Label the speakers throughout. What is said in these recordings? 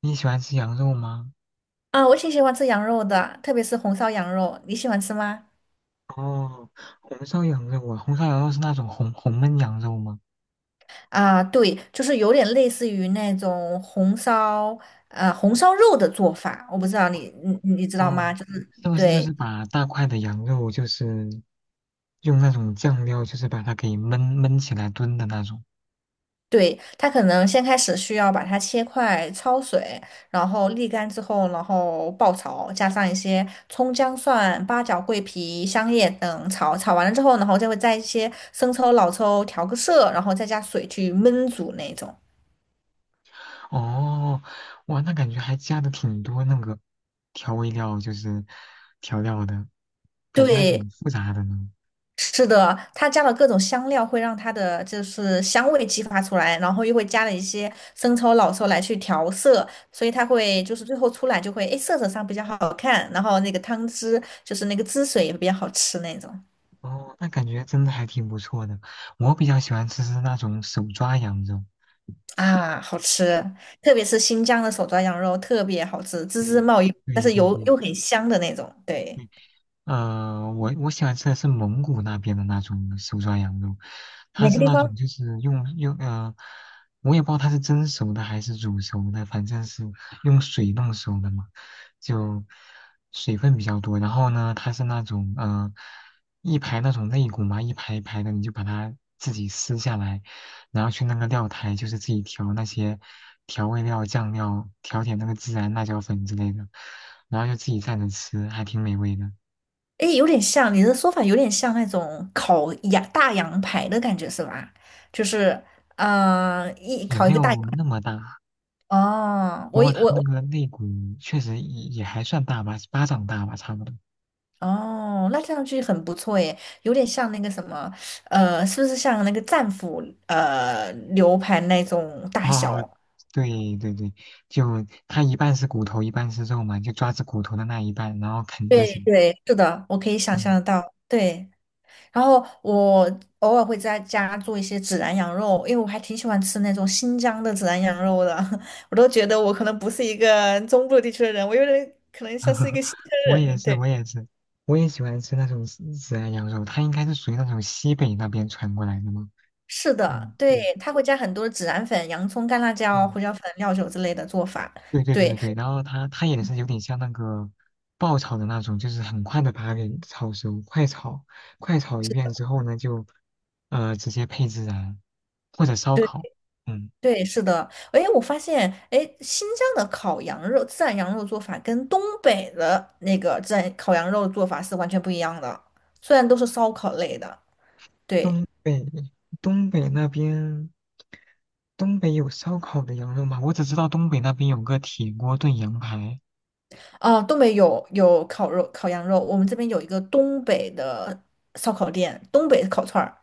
Speaker 1: 你喜欢吃羊肉吗？
Speaker 2: 啊，我挺喜欢吃羊肉的，特别是红烧羊肉，你喜欢吃吗？
Speaker 1: 哦，红烧羊肉啊，红烧羊肉是那种红焖羊肉吗？
Speaker 2: 啊，对，就是有点类似于那种红烧，红烧肉的做法，我不知道你你知道
Speaker 1: 哦，
Speaker 2: 吗？就是
Speaker 1: 是不是就
Speaker 2: 对
Speaker 1: 是把大块的羊肉，就是用那种酱料，就是把它给焖起来炖的那种？
Speaker 2: 对，它可能先开始需要把它切块，焯水，然后沥干之后，然后爆炒，加上一些葱姜蒜、八角、桂皮、香叶等炒，炒完了之后，然后再会加一些生抽、老抽调个色，然后再加水去焖煮那种。
Speaker 1: 哦，哇，那感觉还加的挺多那个调味料，就是调料的，感觉还
Speaker 2: 对，
Speaker 1: 挺复杂的呢。
Speaker 2: 是的，它加了各种香料，会让它的就是香味激发出来，然后又会加了一些生抽、老抽来去调色，所以它会就是最后出来就会，诶，色泽上比较好看，然后那个汤汁就是那个汁水也比较好吃那种
Speaker 1: 哦，那感觉真的还挺不错的。我比较喜欢吃是那种手抓羊肉。
Speaker 2: 啊，好吃，特别是新疆的手抓羊肉特别好吃，滋滋
Speaker 1: 对，
Speaker 2: 冒油，但
Speaker 1: 对
Speaker 2: 是
Speaker 1: 对
Speaker 2: 油
Speaker 1: 对，
Speaker 2: 又很香的那种，对。
Speaker 1: 我喜欢吃的是蒙古那边的那种手抓羊肉，它
Speaker 2: 哪个
Speaker 1: 是
Speaker 2: 地
Speaker 1: 那
Speaker 2: 方？
Speaker 1: 种就是用,我也不知道它是蒸熟的还是煮熟的，反正是用水弄熟的嘛，就水分比较多。然后呢，它是那种一排那种肋骨嘛，一排一排的，你就把它自己撕下来，然后去那个料台，就是自己调那些调味料、酱料，调点那个孜然、辣椒粉之类的，然后就自己蘸着吃，还挺美味的。
Speaker 2: 诶，有点像，你的说法有点像那种烤羊大羊排的感觉是吧？就是，嗯，一
Speaker 1: 也
Speaker 2: 烤
Speaker 1: 没
Speaker 2: 一个大羊。
Speaker 1: 有那么大，
Speaker 2: 哦，
Speaker 1: 不
Speaker 2: 我
Speaker 1: 过
Speaker 2: 以我
Speaker 1: 它那
Speaker 2: 我
Speaker 1: 个肋骨确实也还算大吧，巴掌大吧，差不多。
Speaker 2: 哦，那这样剧很不错耶，有点像那个什么，是不是像那个战斧牛排那种大
Speaker 1: 哦
Speaker 2: 小？
Speaker 1: 对对对，就它一半是骨头，一半是肉嘛，就抓着骨头的那一半，然后啃就
Speaker 2: 对
Speaker 1: 行。
Speaker 2: 对，是的，我可以想象
Speaker 1: 嗯，
Speaker 2: 得到。对。然后我偶尔会在家做一些孜然羊肉，因为我还挺喜欢吃那种新疆的孜然羊肉的。我都觉得我可能不是一个中部地区的人，我有点可能像是一个新疆
Speaker 1: 我也
Speaker 2: 人。
Speaker 1: 是，
Speaker 2: 对，
Speaker 1: 我也是，我也喜欢吃那种孜然羊肉，它应该是属于那种西北那边传过来的嘛。
Speaker 2: 是
Speaker 1: 嗯，
Speaker 2: 的，对，
Speaker 1: 对
Speaker 2: 他会加很多孜然粉、洋葱、干辣椒、
Speaker 1: 对，
Speaker 2: 胡椒粉、料酒之类的做法。
Speaker 1: 对对对对
Speaker 2: 对，
Speaker 1: 对，然后它也是有点像那个爆炒的那种，就是很快的把它给炒熟，快炒一
Speaker 2: 是
Speaker 1: 遍
Speaker 2: 的，
Speaker 1: 之后呢，就直接配孜然或者烧
Speaker 2: 对，
Speaker 1: 烤。嗯，
Speaker 2: 对，是的。哎，我发现，哎，新疆的烤羊肉、孜然羊肉做法跟东北的那个孜然烤羊肉做法是完全不一样的，虽然都是烧烤类的。对，
Speaker 1: 东北东北那边东北有烧烤的羊肉吗？我只知道东北那边有个铁锅炖羊排。
Speaker 2: 啊，东北有烤肉、烤羊肉，我们这边有一个东北的烧烤店，东北烤串儿，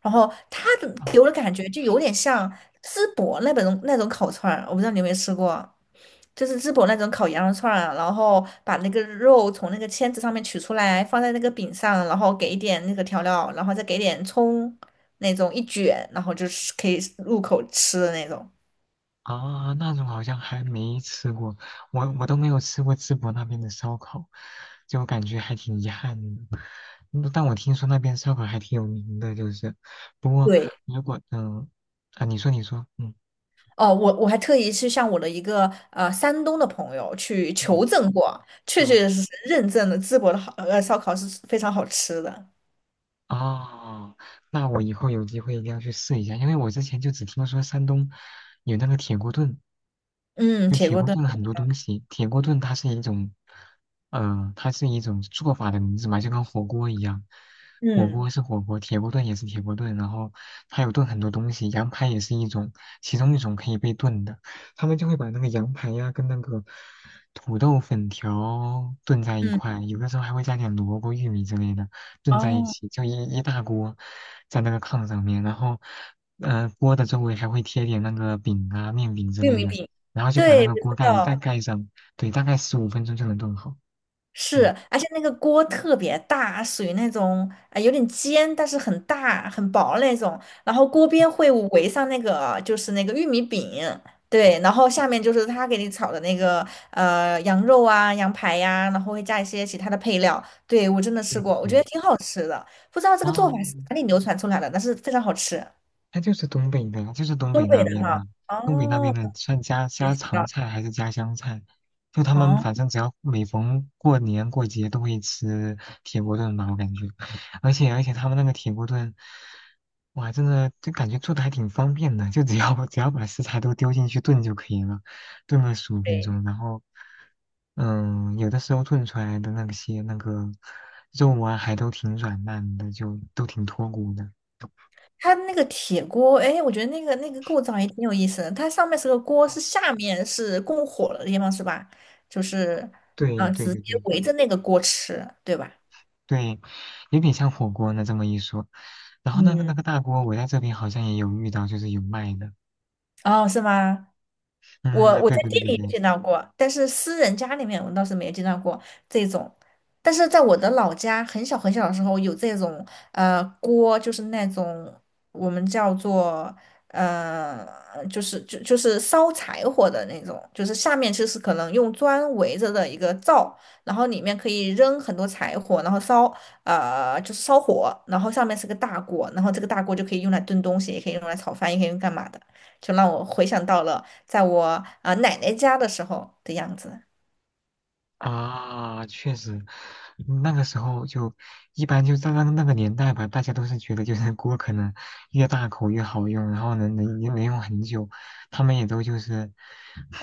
Speaker 2: 然后它的给我的感觉就有点像淄博那种烤串儿，我不知道你有没有吃过，就是淄博那种烤羊肉串儿啊，然后把那个肉从那个签子上面取出来，放在那个饼上，然后给一点那个调料，然后再给点葱，那种一卷，然后就是可以入口吃的那种。
Speaker 1: 啊，那种好像还没吃过，我都没有吃过淄博那边的烧烤，就感觉还挺遗憾的。但我听说那边烧烤还挺有名的，就是，不过
Speaker 2: 对，
Speaker 1: 如果啊，你说你说，嗯
Speaker 2: 哦，我还特意去向我的一个山东的朋友去
Speaker 1: 嗯
Speaker 2: 求证过，确
Speaker 1: 啊。
Speaker 2: 确实实认证了淄博的烧烤是非常好吃的。
Speaker 1: 哦，那我以后有机会一定要去试一下，因为我之前就只听说山东有那个铁锅炖，
Speaker 2: 嗯，
Speaker 1: 就
Speaker 2: 铁
Speaker 1: 铁
Speaker 2: 锅
Speaker 1: 锅
Speaker 2: 炖
Speaker 1: 炖很多东西。铁锅炖它是一种，它是一种做法的名字嘛，就跟火锅一样。火锅
Speaker 2: 嗯
Speaker 1: 是火锅，铁锅炖也是铁锅炖，然后它有炖很多东西，羊排也是一种，其中一种可以被炖的。他们就会把那个羊排呀、跟那个土豆粉条炖在一
Speaker 2: 嗯，
Speaker 1: 块，有的时候还会加点萝卜、玉米之类的。炖在一
Speaker 2: 哦，
Speaker 1: 起，就一大锅在那个炕上面，然后，锅的周围还会贴点那个饼啊、面饼之
Speaker 2: 玉
Speaker 1: 类
Speaker 2: 米
Speaker 1: 的，
Speaker 2: 饼，
Speaker 1: 然后就把那
Speaker 2: 对，
Speaker 1: 个
Speaker 2: 我
Speaker 1: 锅
Speaker 2: 知
Speaker 1: 盖一旦
Speaker 2: 道。
Speaker 1: 盖上，对，大概十五分钟就能炖好。
Speaker 2: 是，
Speaker 1: 嗯，
Speaker 2: 而且那个锅特别大，属于那种啊、有点尖，但是很大很薄那种。然后锅边会围上那个就是那个玉米饼，对，然后下面就是他给你炒的那个羊肉啊、羊排呀、然后会加一些其他的配料。对，我真的吃
Speaker 1: 对
Speaker 2: 过，我
Speaker 1: 对
Speaker 2: 觉
Speaker 1: 对，
Speaker 2: 得挺好吃的。不知道这个
Speaker 1: 啊，
Speaker 2: 做法是哪里流传出来的，但是非常好吃。
Speaker 1: 它就是东北的，就是东
Speaker 2: 东
Speaker 1: 北
Speaker 2: 北
Speaker 1: 那
Speaker 2: 的
Speaker 1: 边
Speaker 2: 哈，
Speaker 1: 的，东北那边
Speaker 2: 哦，
Speaker 1: 的算家
Speaker 2: 也
Speaker 1: 家
Speaker 2: 知
Speaker 1: 常
Speaker 2: 道，
Speaker 1: 菜还是家乡菜？就他们
Speaker 2: 哦，
Speaker 1: 反正只要每逢过年过节都会吃铁锅炖吧，我感觉，而且他们那个铁锅炖，哇，真的就感觉做的还挺方便的，就只要 只要把食材都丢进去炖就可以了，炖个十五分
Speaker 2: 对。
Speaker 1: 钟，然后，嗯，有的时候炖出来的那些那个肉啊，还都挺软烂的，就都挺脱骨的。
Speaker 2: 它那个铁锅，哎，我觉得那个构造也挺有意思的。它上面是个锅，是下面是供火的地方，是吧？就是，
Speaker 1: 对
Speaker 2: 嗯、
Speaker 1: 对
Speaker 2: 直
Speaker 1: 对
Speaker 2: 接
Speaker 1: 对，
Speaker 2: 围着那个锅吃，对吧？
Speaker 1: 对，有点像火锅呢，这么一说。然后那个
Speaker 2: 嗯，
Speaker 1: 那个大锅，我在这边好像也有遇到，就是有卖的。
Speaker 2: 哦，是吗？我
Speaker 1: 嗯，
Speaker 2: 我
Speaker 1: 对
Speaker 2: 在
Speaker 1: 对对
Speaker 2: 店
Speaker 1: 对
Speaker 2: 里有
Speaker 1: 对，
Speaker 2: 见到过，但是私人家里面我倒是没有见到过这种。但是在我的老家，很小很小的时候有这种锅，就是那种我们叫做呃，就是就是烧柴火的那种，就是下面就是可能用砖围着的一个灶，然后里面可以扔很多柴火，然后烧就是烧火，然后上面是个大锅，然后这个大锅就可以用来炖东西，也可以用来炒饭，也可以用干嘛的。就让我回想到了。在我啊、奶奶家的时候的样子。
Speaker 1: 啊，确实，嗯那个时候就一般就在那个年代吧，大家都是觉得就是锅可能越大口越好用，然后能用很久，他们也都就是，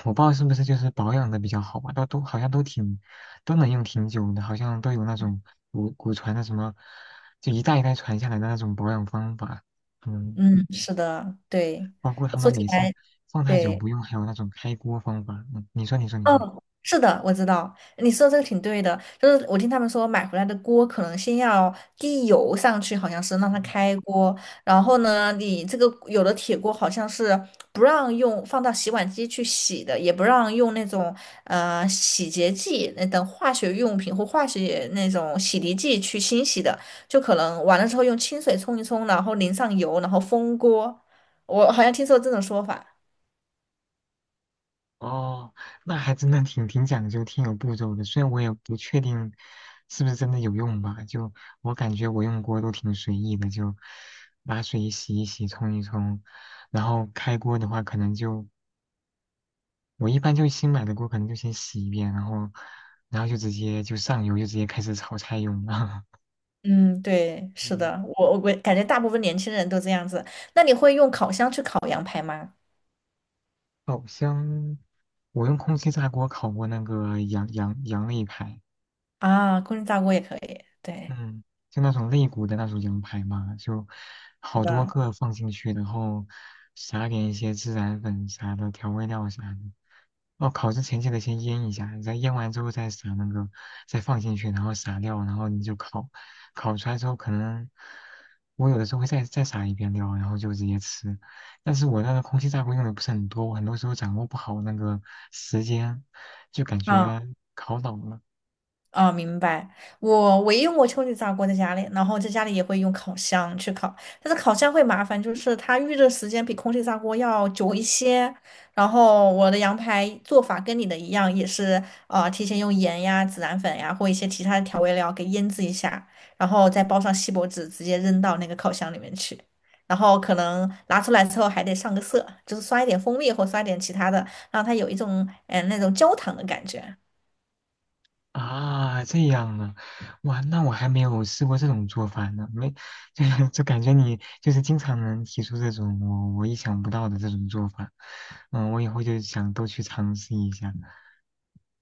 Speaker 1: 我不知道是不是就是保养的比较好吧，都好像都挺都能用挺久的，好像都有那种古传的什么，就一代一代传下来的那种保养方法，嗯，
Speaker 2: 嗯，是的，对，
Speaker 1: 包括他
Speaker 2: 说
Speaker 1: 们
Speaker 2: 起
Speaker 1: 每次
Speaker 2: 来，
Speaker 1: 放太久
Speaker 2: 对。
Speaker 1: 不用，还有那种开锅方法，嗯，你说你说你
Speaker 2: 嗯，
Speaker 1: 说，
Speaker 2: 是的，我知道，你说这个挺对的。就是我听他们说，买回来的锅可能先要滴油上去，好像是让它开锅。然后呢，你这个有的铁锅好像是不让用放到洗碗机去洗的，也不让用那种洗洁剂那等化学用品或化学那种洗涤剂去清洗的，就可能完了之后用清水冲一冲，然后淋上油，然后封锅。我好像听说这种说法。
Speaker 1: 哦，那还真的挺讲究、挺有步骤的。虽然我也不确定是不是真的有用吧，就我感觉我用锅都挺随意的，就拿水洗一洗、冲一冲，然后开锅的话，可能就我一般就新买的锅，可能就先洗一遍，然后就直接就上油，就直接开始炒菜用了。
Speaker 2: 嗯，对，是
Speaker 1: 嗯，
Speaker 2: 的，我感觉大部分年轻人都这样子。那你会用烤箱去烤羊排吗？
Speaker 1: 好箱，我用空气炸锅烤过那个羊肋排。
Speaker 2: 啊，空气炸锅也可以，对，
Speaker 1: 嗯，就那种肋骨的那种羊排嘛，就
Speaker 2: 是
Speaker 1: 好多
Speaker 2: 的，
Speaker 1: 个放进去，然后撒点一些孜然粉啥的调味料啥的。哦，烤之前记得先腌一下，然后腌完之后再撒那个，再放进去，然后撒料，然后你就烤。烤出来之后，可能我有的时候会再撒一遍料，然后就直接吃。但是我那个空气炸锅用的不是很多，我很多时候掌握不好那个时间，就感
Speaker 2: 啊。
Speaker 1: 觉烤老了。
Speaker 2: 啊，明白。我唯一用过秋菊炸锅在家里，然后在家里也会用烤箱去烤，但是烤箱会麻烦，就是它预热时间比空气炸锅要久一些。然后我的羊排做法跟你的一样，也是提前用盐呀、孜然粉呀或一些其他的调味料给腌制一下，然后再包上锡箔纸，直接扔到那个烤箱里面去。然后可能拿出来之后还得上个色，就是刷一点蜂蜜或刷一点其他的，让它有一种嗯那种焦糖的感觉。
Speaker 1: 啊，这样啊，哇，那我还没有试过这种做法呢，没，就就感觉你就是经常能提出这种我意想不到的这种做法，嗯，我以后就想都去尝试一下。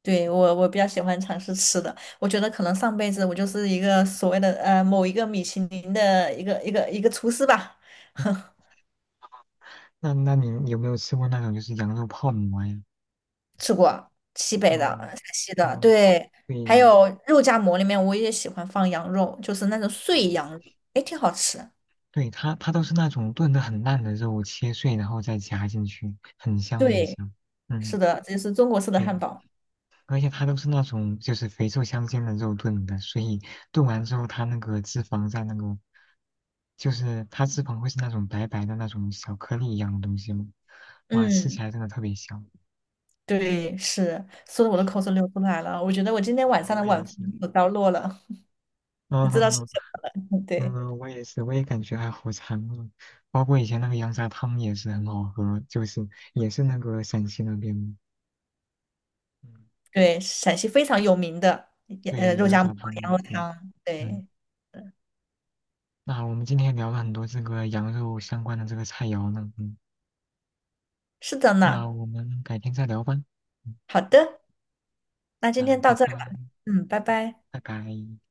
Speaker 2: 对，我比较喜欢尝试吃的，我觉得可能上辈子我就是一个所谓的某一个米其林的一个厨师吧，
Speaker 1: 那你有没有吃过那种就是羊肉泡馍呀？
Speaker 2: 吃过西北的、
Speaker 1: 嗯
Speaker 2: 陕西的，
Speaker 1: 嗯，
Speaker 2: 对，
Speaker 1: 对，
Speaker 2: 还有肉夹馍里面我也喜欢放羊肉，就是那种
Speaker 1: 哦
Speaker 2: 碎羊肉，哎，挺好吃。
Speaker 1: 对，它都是那种炖的很烂的肉，切碎然后再夹进去，很香很
Speaker 2: 对，
Speaker 1: 香。
Speaker 2: 是
Speaker 1: 嗯，
Speaker 2: 的，这就是中国式的汉
Speaker 1: 对，
Speaker 2: 堡。
Speaker 1: 而且它都是那种就是肥瘦相间的肉炖的，所以炖完之后，它那个脂肪在那个，就是它脂肪会是那种白白的那种小颗粒一样的东西嘛，哇，吃起
Speaker 2: 嗯，
Speaker 1: 来真的特别香。
Speaker 2: 对，是，说的我的口水流出来了，我觉得我今天
Speaker 1: 啊
Speaker 2: 晚上的
Speaker 1: 我
Speaker 2: 晚
Speaker 1: 也
Speaker 2: 饭
Speaker 1: 是，
Speaker 2: 有着落了，
Speaker 1: 嗯
Speaker 2: 你知道是什么了？对。
Speaker 1: 嗯，我也是，我也感觉还好馋啊。包括以前那个羊杂汤也是很好喝，就是也是那个陕西那边的，嗯，
Speaker 2: 对，陕西非常有名的，
Speaker 1: 对，
Speaker 2: 肉
Speaker 1: 羊
Speaker 2: 夹馍、
Speaker 1: 杂汤
Speaker 2: 羊
Speaker 1: 嘛，
Speaker 2: 肉
Speaker 1: 对，
Speaker 2: 汤。
Speaker 1: 嗯。
Speaker 2: 对，
Speaker 1: 那我们今天聊了很多这个羊肉相关的这个菜肴呢，嗯。
Speaker 2: 是的
Speaker 1: 那
Speaker 2: 呢。
Speaker 1: 我们改天再聊吧。嗯，
Speaker 2: 好的，那今
Speaker 1: 那
Speaker 2: 天
Speaker 1: 拜
Speaker 2: 到这儿
Speaker 1: 拜，
Speaker 2: 吧。嗯，拜拜。
Speaker 1: 拜拜。